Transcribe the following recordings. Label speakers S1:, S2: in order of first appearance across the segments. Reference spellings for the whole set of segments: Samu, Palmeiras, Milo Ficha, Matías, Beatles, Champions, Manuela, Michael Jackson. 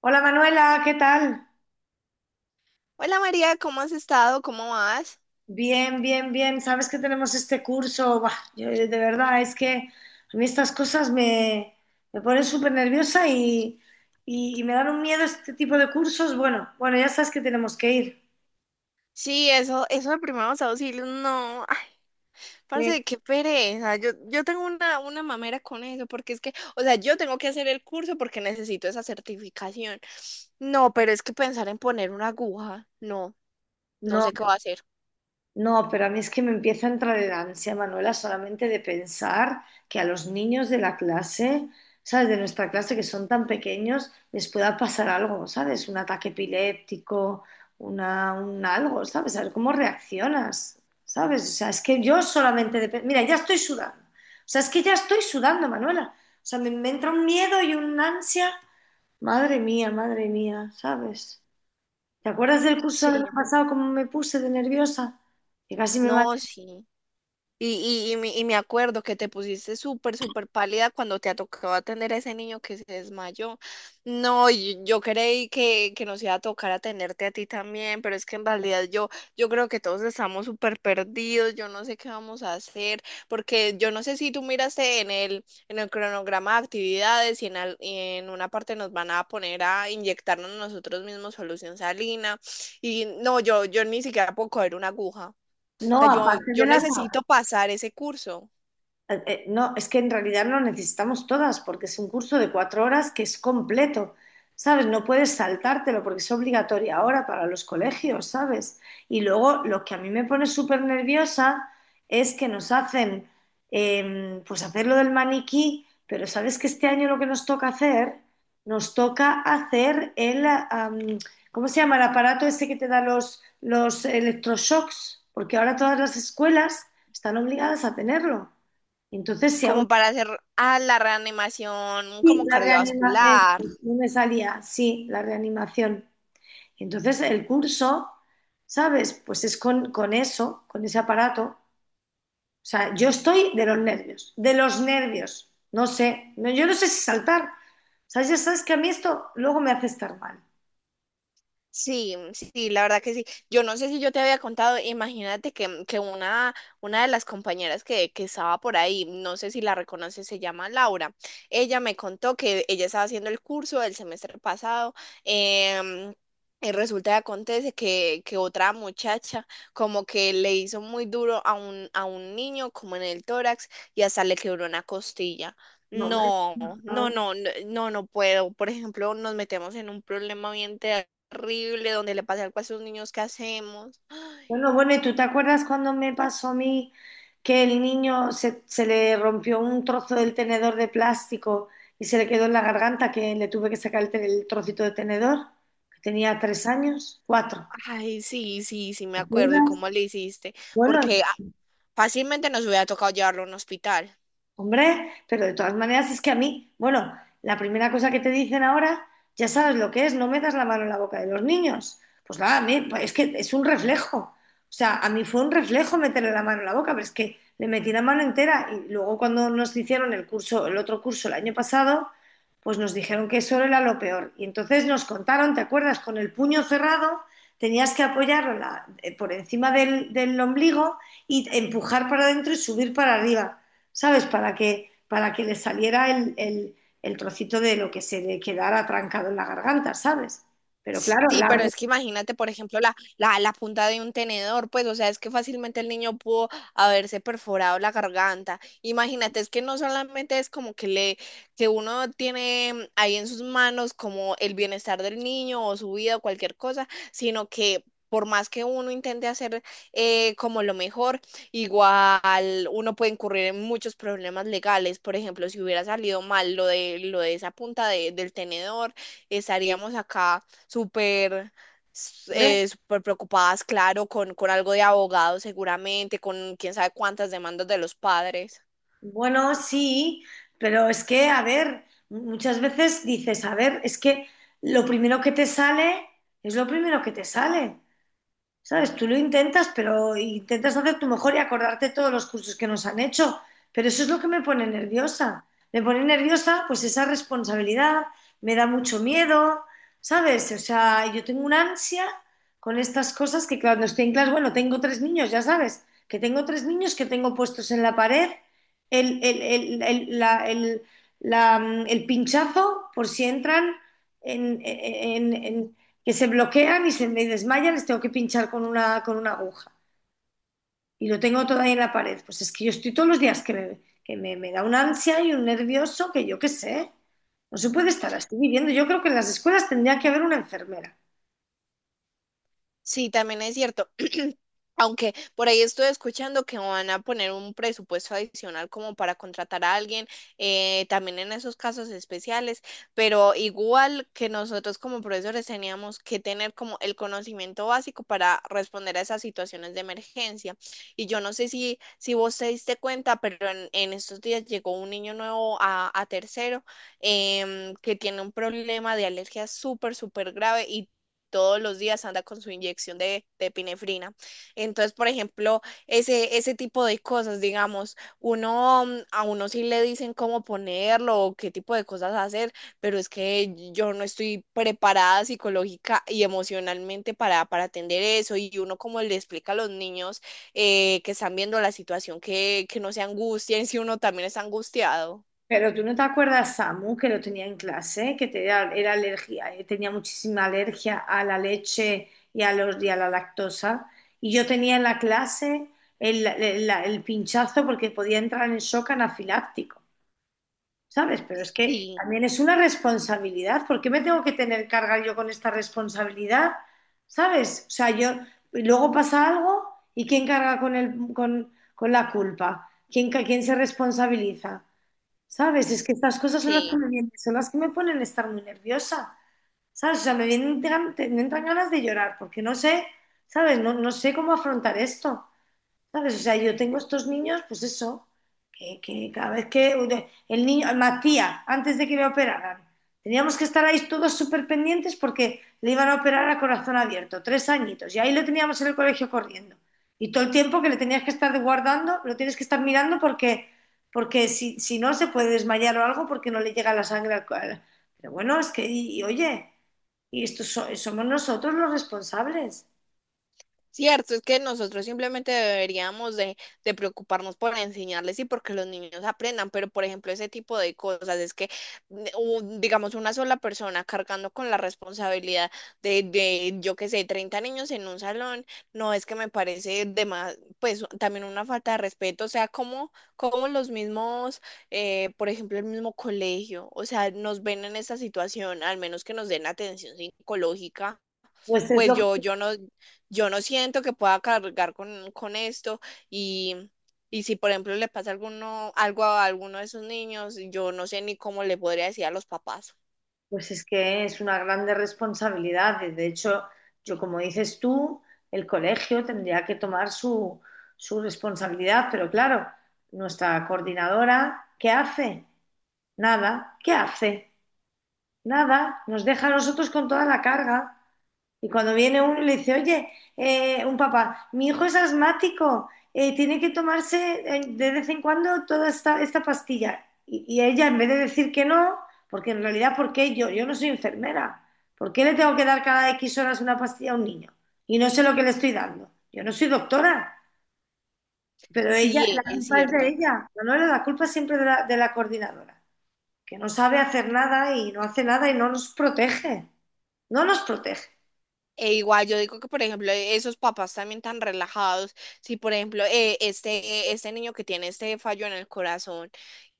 S1: Hola Manuela, ¿qué tal?
S2: Hola María, ¿cómo has estado? ¿Cómo vas?
S1: Bien, bien, bien. Sabes que tenemos este curso. Buah, yo, de verdad, es que a mí estas cosas me ponen súper nerviosa y me dan un miedo este tipo de cursos. Bueno, bueno, ya sabes que tenemos que ir.
S2: Sí, eso de primeros auxilios, no, ay,
S1: Sí.
S2: parce, qué pereza. Yo tengo una mamera con eso, porque es que, o sea, yo tengo que hacer el curso porque necesito esa certificación. No, pero es que pensar en poner una aguja, no, no
S1: No.
S2: sé qué va a hacer.
S1: No, pero a mí es que me empieza a entrar el ansia, Manuela, solamente de pensar que a los niños de la clase, ¿sabes? De nuestra clase, que son tan pequeños, les pueda pasar algo, ¿sabes? Un ataque epiléptico, una, un algo, ¿sabes? A ver cómo reaccionas, ¿sabes? O sea, es que yo solamente de... pe- Mira, ya estoy sudando. O sea, es que ya estoy sudando, Manuela. O sea, me entra un miedo y un ansia. Madre mía, ¿sabes? ¿Te acuerdas del curso del año
S2: Sí,
S1: pasado, cómo me puse de nerviosa? Que casi me
S2: no, sí. Y me acuerdo que te pusiste súper, súper pálida cuando te tocó atender a ese niño que se desmayó. No, y yo, creí que, nos iba a tocar atenderte a ti también, pero es que en realidad yo creo que todos estamos súper perdidos, yo no sé qué vamos a hacer, porque yo no sé si tú miraste en el cronograma de actividades y en una parte nos van a poner a inyectarnos nosotros mismos solución salina. Y no, yo, ni siquiera puedo coger una aguja, o sea,
S1: no,
S2: yo,
S1: aparte
S2: yo
S1: de las
S2: necesito pasar ese curso
S1: no, es que en realidad no necesitamos todas, porque es un curso de 4 horas que es completo, ¿sabes? No puedes saltártelo porque es obligatorio ahora para los colegios, ¿sabes? Y luego lo que a mí me pone súper nerviosa es que nos hacen, pues hacer lo del maniquí, pero ¿sabes que este año lo que nos toca hacer? Nos toca hacer el, ¿cómo se llama? El aparato ese que te da los electroshocks, porque ahora todas las escuelas están obligadas a tenerlo. Entonces, si aún
S2: como para hacer la reanimación
S1: así
S2: como
S1: la reanima,
S2: cardiovascular.
S1: pues, no me salía, sí, la reanimación. Entonces, el curso, ¿sabes? Pues es con eso, con ese aparato. O sea, yo estoy de los nervios, de los nervios. No sé, no, yo no sé si saltar. O sea, ya sabes que a mí esto luego me hace estar mal.
S2: Sí, mm, sí, la verdad que sí. Yo no sé si yo te había contado, imagínate que, que una de las compañeras que estaba por ahí, no sé si la reconoces, se llama Laura. Ella me contó que ella estaba haciendo el curso del semestre pasado. em, y resulta que acontece que, otra muchacha como que le hizo muy duro a un niño como en el tórax y hasta le quebró una costilla.
S1: No, me-
S2: No, no, no, no, no puedo. Por ejemplo, nos metemos en un problema bien tenso horrible donde le pasa algo a esos niños, ¿qué hacemos? Ay,
S1: Bueno, bueno, ¿y tú te acuerdas cuando me pasó a mí que el niño se le rompió un trozo del tenedor de plástico y se le quedó en la garganta que le tuve que sacar el, te- el trocito de tenedor? Que tenía 3 años, cuatro.
S2: ay, sí, sí, sí, me
S1: ¿Te
S2: acuerdo. ¿Y
S1: acuerdas?
S2: cómo le hiciste?
S1: Bueno,
S2: Porque fácilmente nos hubiera tocado llevarlo a un hospital.
S1: hombre, pero de todas maneras es que a mí, bueno, la primera cosa que te dicen ahora, ya sabes lo que es, no metas la mano en la boca de los niños. Pues nada, a mí, pues es que es un reflejo. O sea, a mí fue un reflejo meterle la mano en la boca, pero es que le metí la mano entera y luego cuando nos hicieron el curso, el otro curso el año pasado, pues nos dijeron que eso era lo peor. Y entonces nos contaron, ¿te acuerdas? Con el puño cerrado tenías que apoyarlo la- por encima del ombligo y empujar para adentro y subir para arriba. ¿Sabes? Para que le saliera el trocito de lo que se le quedara trancado en la garganta, ¿sabes? Pero claro,
S2: Sí,
S1: la
S2: pero
S1: red,
S2: es que imagínate, por ejemplo, la punta de un tenedor, pues, o sea, es que fácilmente el niño pudo haberse perforado la garganta. Imagínate, es que no solamente es como que le, que uno tiene ahí en sus manos como el bienestar del niño o su vida o cualquier cosa, sino que por más que uno intente hacer como lo mejor, igual uno puede incurrir en muchos problemas legales. Por ejemplo, si hubiera salido mal lo de, esa punta del tenedor, estaríamos acá súper s-
S1: hombre,
S2: eh, súper preocupadas, claro, con algo de abogado seguramente, con quién sabe cuántas demandas de los padres.
S1: bueno, sí, pero es que, a ver, muchas veces dices, a ver, es que lo primero que te sale es lo primero que te sale. ¿Sabes? Tú lo intentas, pero intentas hacer tu mejor y acordarte todos los cursos que nos han hecho. Pero eso es lo que me pone nerviosa. Me pone nerviosa, pues esa responsabilidad, me da mucho miedo, ¿sabes? O sea, yo tengo una ansia con estas cosas que cuando estoy en clase, bueno, tengo tres niños, ya sabes, que tengo tres niños que tengo puestos en la pared, el- la- el- el pinchazo por si entran en- que se bloquean y se me desmayan, les tengo que pinchar con una aguja. Y lo tengo todavía en la pared. Pues es que yo estoy todos los días me da una ansia y un nervioso que yo qué sé. No se puede estar así viviendo. Yo creo que en las escuelas tendría que haber una enfermera.
S2: Sí, también es cierto. Aunque por ahí estoy escuchando que van a poner un presupuesto adicional como para contratar a alguien, también en esos casos especiales, pero igual que nosotros como profesores teníamos que tener como el conocimiento básico para responder a esas situaciones de emergencia. Y yo no sé si, vos te diste cuenta, pero en estos días llegó un niño nuevo a tercero, que tiene un problema de alergia súper, súper grave y todos los días anda con su inyección de, epinefrina. Entonces, por ejemplo, ese tipo de cosas, digamos, uno a uno sí le dicen cómo ponerlo o qué tipo de cosas hacer, pero es que yo no estoy preparada psicológica y emocionalmente para, atender eso. Y uno como le explica a los niños que están viendo la situación, que no se angustien si uno también está angustiado.
S1: Pero tú no te acuerdas, Samu, que lo tenía en clase, que te- era, era alergia, tenía muchísima alergia a la leche y a, los, y a la lactosa. Y yo tenía en la clase el- la- el pinchazo porque podía entrar en shock anafiláctico. ¿Sabes? Pero es que
S2: Sí,
S1: también es una responsabilidad. ¿Por qué me tengo que tener carga yo con esta responsabilidad? ¿Sabes? O sea, yo, y luego pasa algo y ¿quién carga con el, con la culpa? ¿Quién, ca- quién se responsabiliza? ¿Sabes? Es que estas cosas son las que
S2: sí.
S1: me vienen, son las que me ponen a estar muy nerviosa. ¿Sabes? O sea, me vienen, gan- te- me entran ganas de llorar porque no sé, ¿sabes? No, no sé cómo afrontar esto. ¿Sabes? O sea, yo tengo estos niños, pues eso, que cada vez que el niño, Matías, antes de que le operaran, teníamos que estar ahí todos súper pendientes porque le iban a operar a corazón abierto, 3 añitos, y ahí lo teníamos en el colegio corriendo. Y todo el tiempo que le tenías que estar guardando, lo tienes que estar mirando porque, porque si no se puede desmayar o algo porque no le llega la sangre al cual. Pero bueno, es que, y oye, y estos so- somos nosotros los responsables.
S2: Cierto, es que nosotros simplemente deberíamos de preocuparnos por enseñarles y porque los niños aprendan, pero por ejemplo ese tipo de cosas es que digamos una sola persona cargando con la responsabilidad de yo qué sé, 30 niños en un salón, no es que me parece de más, pues también una falta de respeto, o sea, como, como los mismos, por ejemplo el mismo colegio, o sea, nos ven en esta situación, al menos que nos den atención psicológica,
S1: Pues es
S2: pues
S1: lo
S2: yo, yo no siento que pueda cargar con, esto y, y si por ejemplo le pasa alguno, algo a alguno de esos niños, yo no sé ni cómo le podría decir a los papás.
S1: pues es que es una grande responsabilidad. Y de hecho, yo como dices tú, el colegio tendría que tomar su, su responsabilidad, pero claro, nuestra coordinadora, ¿qué hace? Nada, ¿qué hace? Nada, nos deja a nosotros con toda la carga. Y cuando viene uno y le dice, oye, un papá, mi hijo es asmático, tiene que tomarse de vez en cuando toda esta, esta pastilla. Y ella, en vez de decir que no, porque en realidad, ¿por qué yo? Yo no soy enfermera. ¿Por qué le tengo que dar cada X horas una pastilla a un niño? Y no sé lo que le estoy dando. Yo no soy doctora, pero ella, la
S2: Sí, es
S1: culpa es de
S2: cierto.
S1: ella. Manuela, la culpa es siempre de la coordinadora, que no sabe hacer nada y no hace nada y no nos protege. No nos protege.
S2: E igual yo digo que, por ejemplo, esos papás también tan relajados, si por ejemplo, este, niño que tiene este fallo en el corazón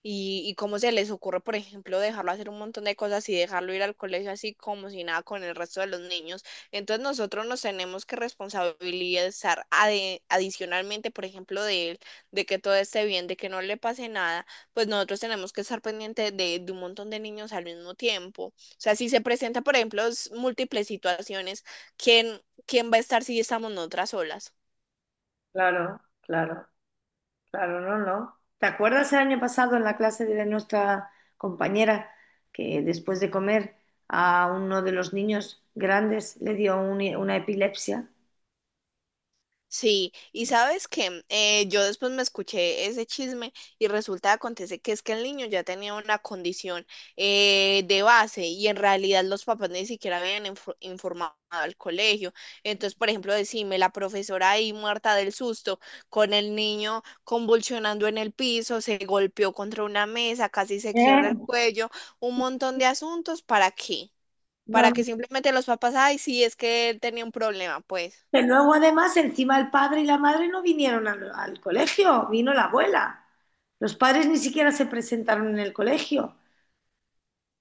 S2: y cómo se les ocurre, por ejemplo, dejarlo hacer un montón de cosas y dejarlo ir al colegio así como si nada con el resto de los niños. Entonces nosotros nos tenemos que responsabilizar adicionalmente, por ejemplo, de él, de que todo esté bien, de que no le pase nada, pues nosotros tenemos que estar pendientes de, un montón de niños al mismo tiempo. O sea, si se presenta, por ejemplo, múltiples situaciones, ¿Quién, quién va a estar si estamos nosotras solas?
S1: Claro, claro. Claro, no, no. ¿Te acuerdas el año pasado en la clase de nuestra compañera que después de comer a uno de los niños grandes le dio un- una epilepsia?
S2: Sí, y sabes que yo después me escuché ese chisme y resulta acontece que es que el niño ya tenía una condición, de base y en realidad los papás ni siquiera habían informado al colegio. Entonces, por ejemplo, decime, la profesora ahí muerta del susto, con el niño convulsionando en el piso, se golpeó contra una mesa, casi se quiebra el
S1: Eh,
S2: cuello, un montón de asuntos, ¿para qué?
S1: No,
S2: Para que
S1: no.
S2: simplemente los papás, ay, sí, es que él tenía un problema, pues.
S1: Que luego además encima el padre y la madre no vinieron al colegio, vino la abuela. Los padres ni siquiera se presentaron en el colegio.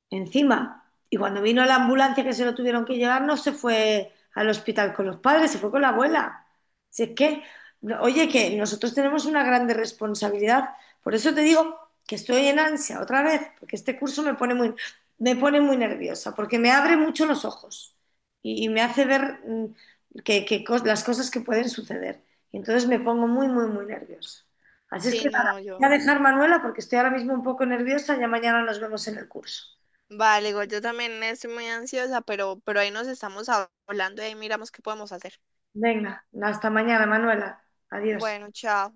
S1: Encima. Y cuando vino la ambulancia que se lo tuvieron que llevar, no se fue al hospital con los padres, se fue con la abuela. Si es que, no- oye, que nosotros tenemos una grande responsabilidad. Por eso te digo que estoy en ansia otra vez, porque este curso me pone muy nerviosa, porque me abre mucho los ojos y me hace ver mm, que cos- las cosas que pueden suceder. Y entonces me pongo muy, muy, muy nerviosa. Así es que
S2: Sí,
S1: nada,
S2: no,
S1: voy a
S2: yo.
S1: dejar Manuela porque estoy ahora mismo un poco nerviosa, ya mañana nos vemos en el curso.
S2: Vale, digo, yo también estoy muy ansiosa, pero ahí nos estamos hablando y ahí miramos qué podemos hacer.
S1: Venga, hasta mañana, Manuela. Adiós.
S2: Bueno, chao.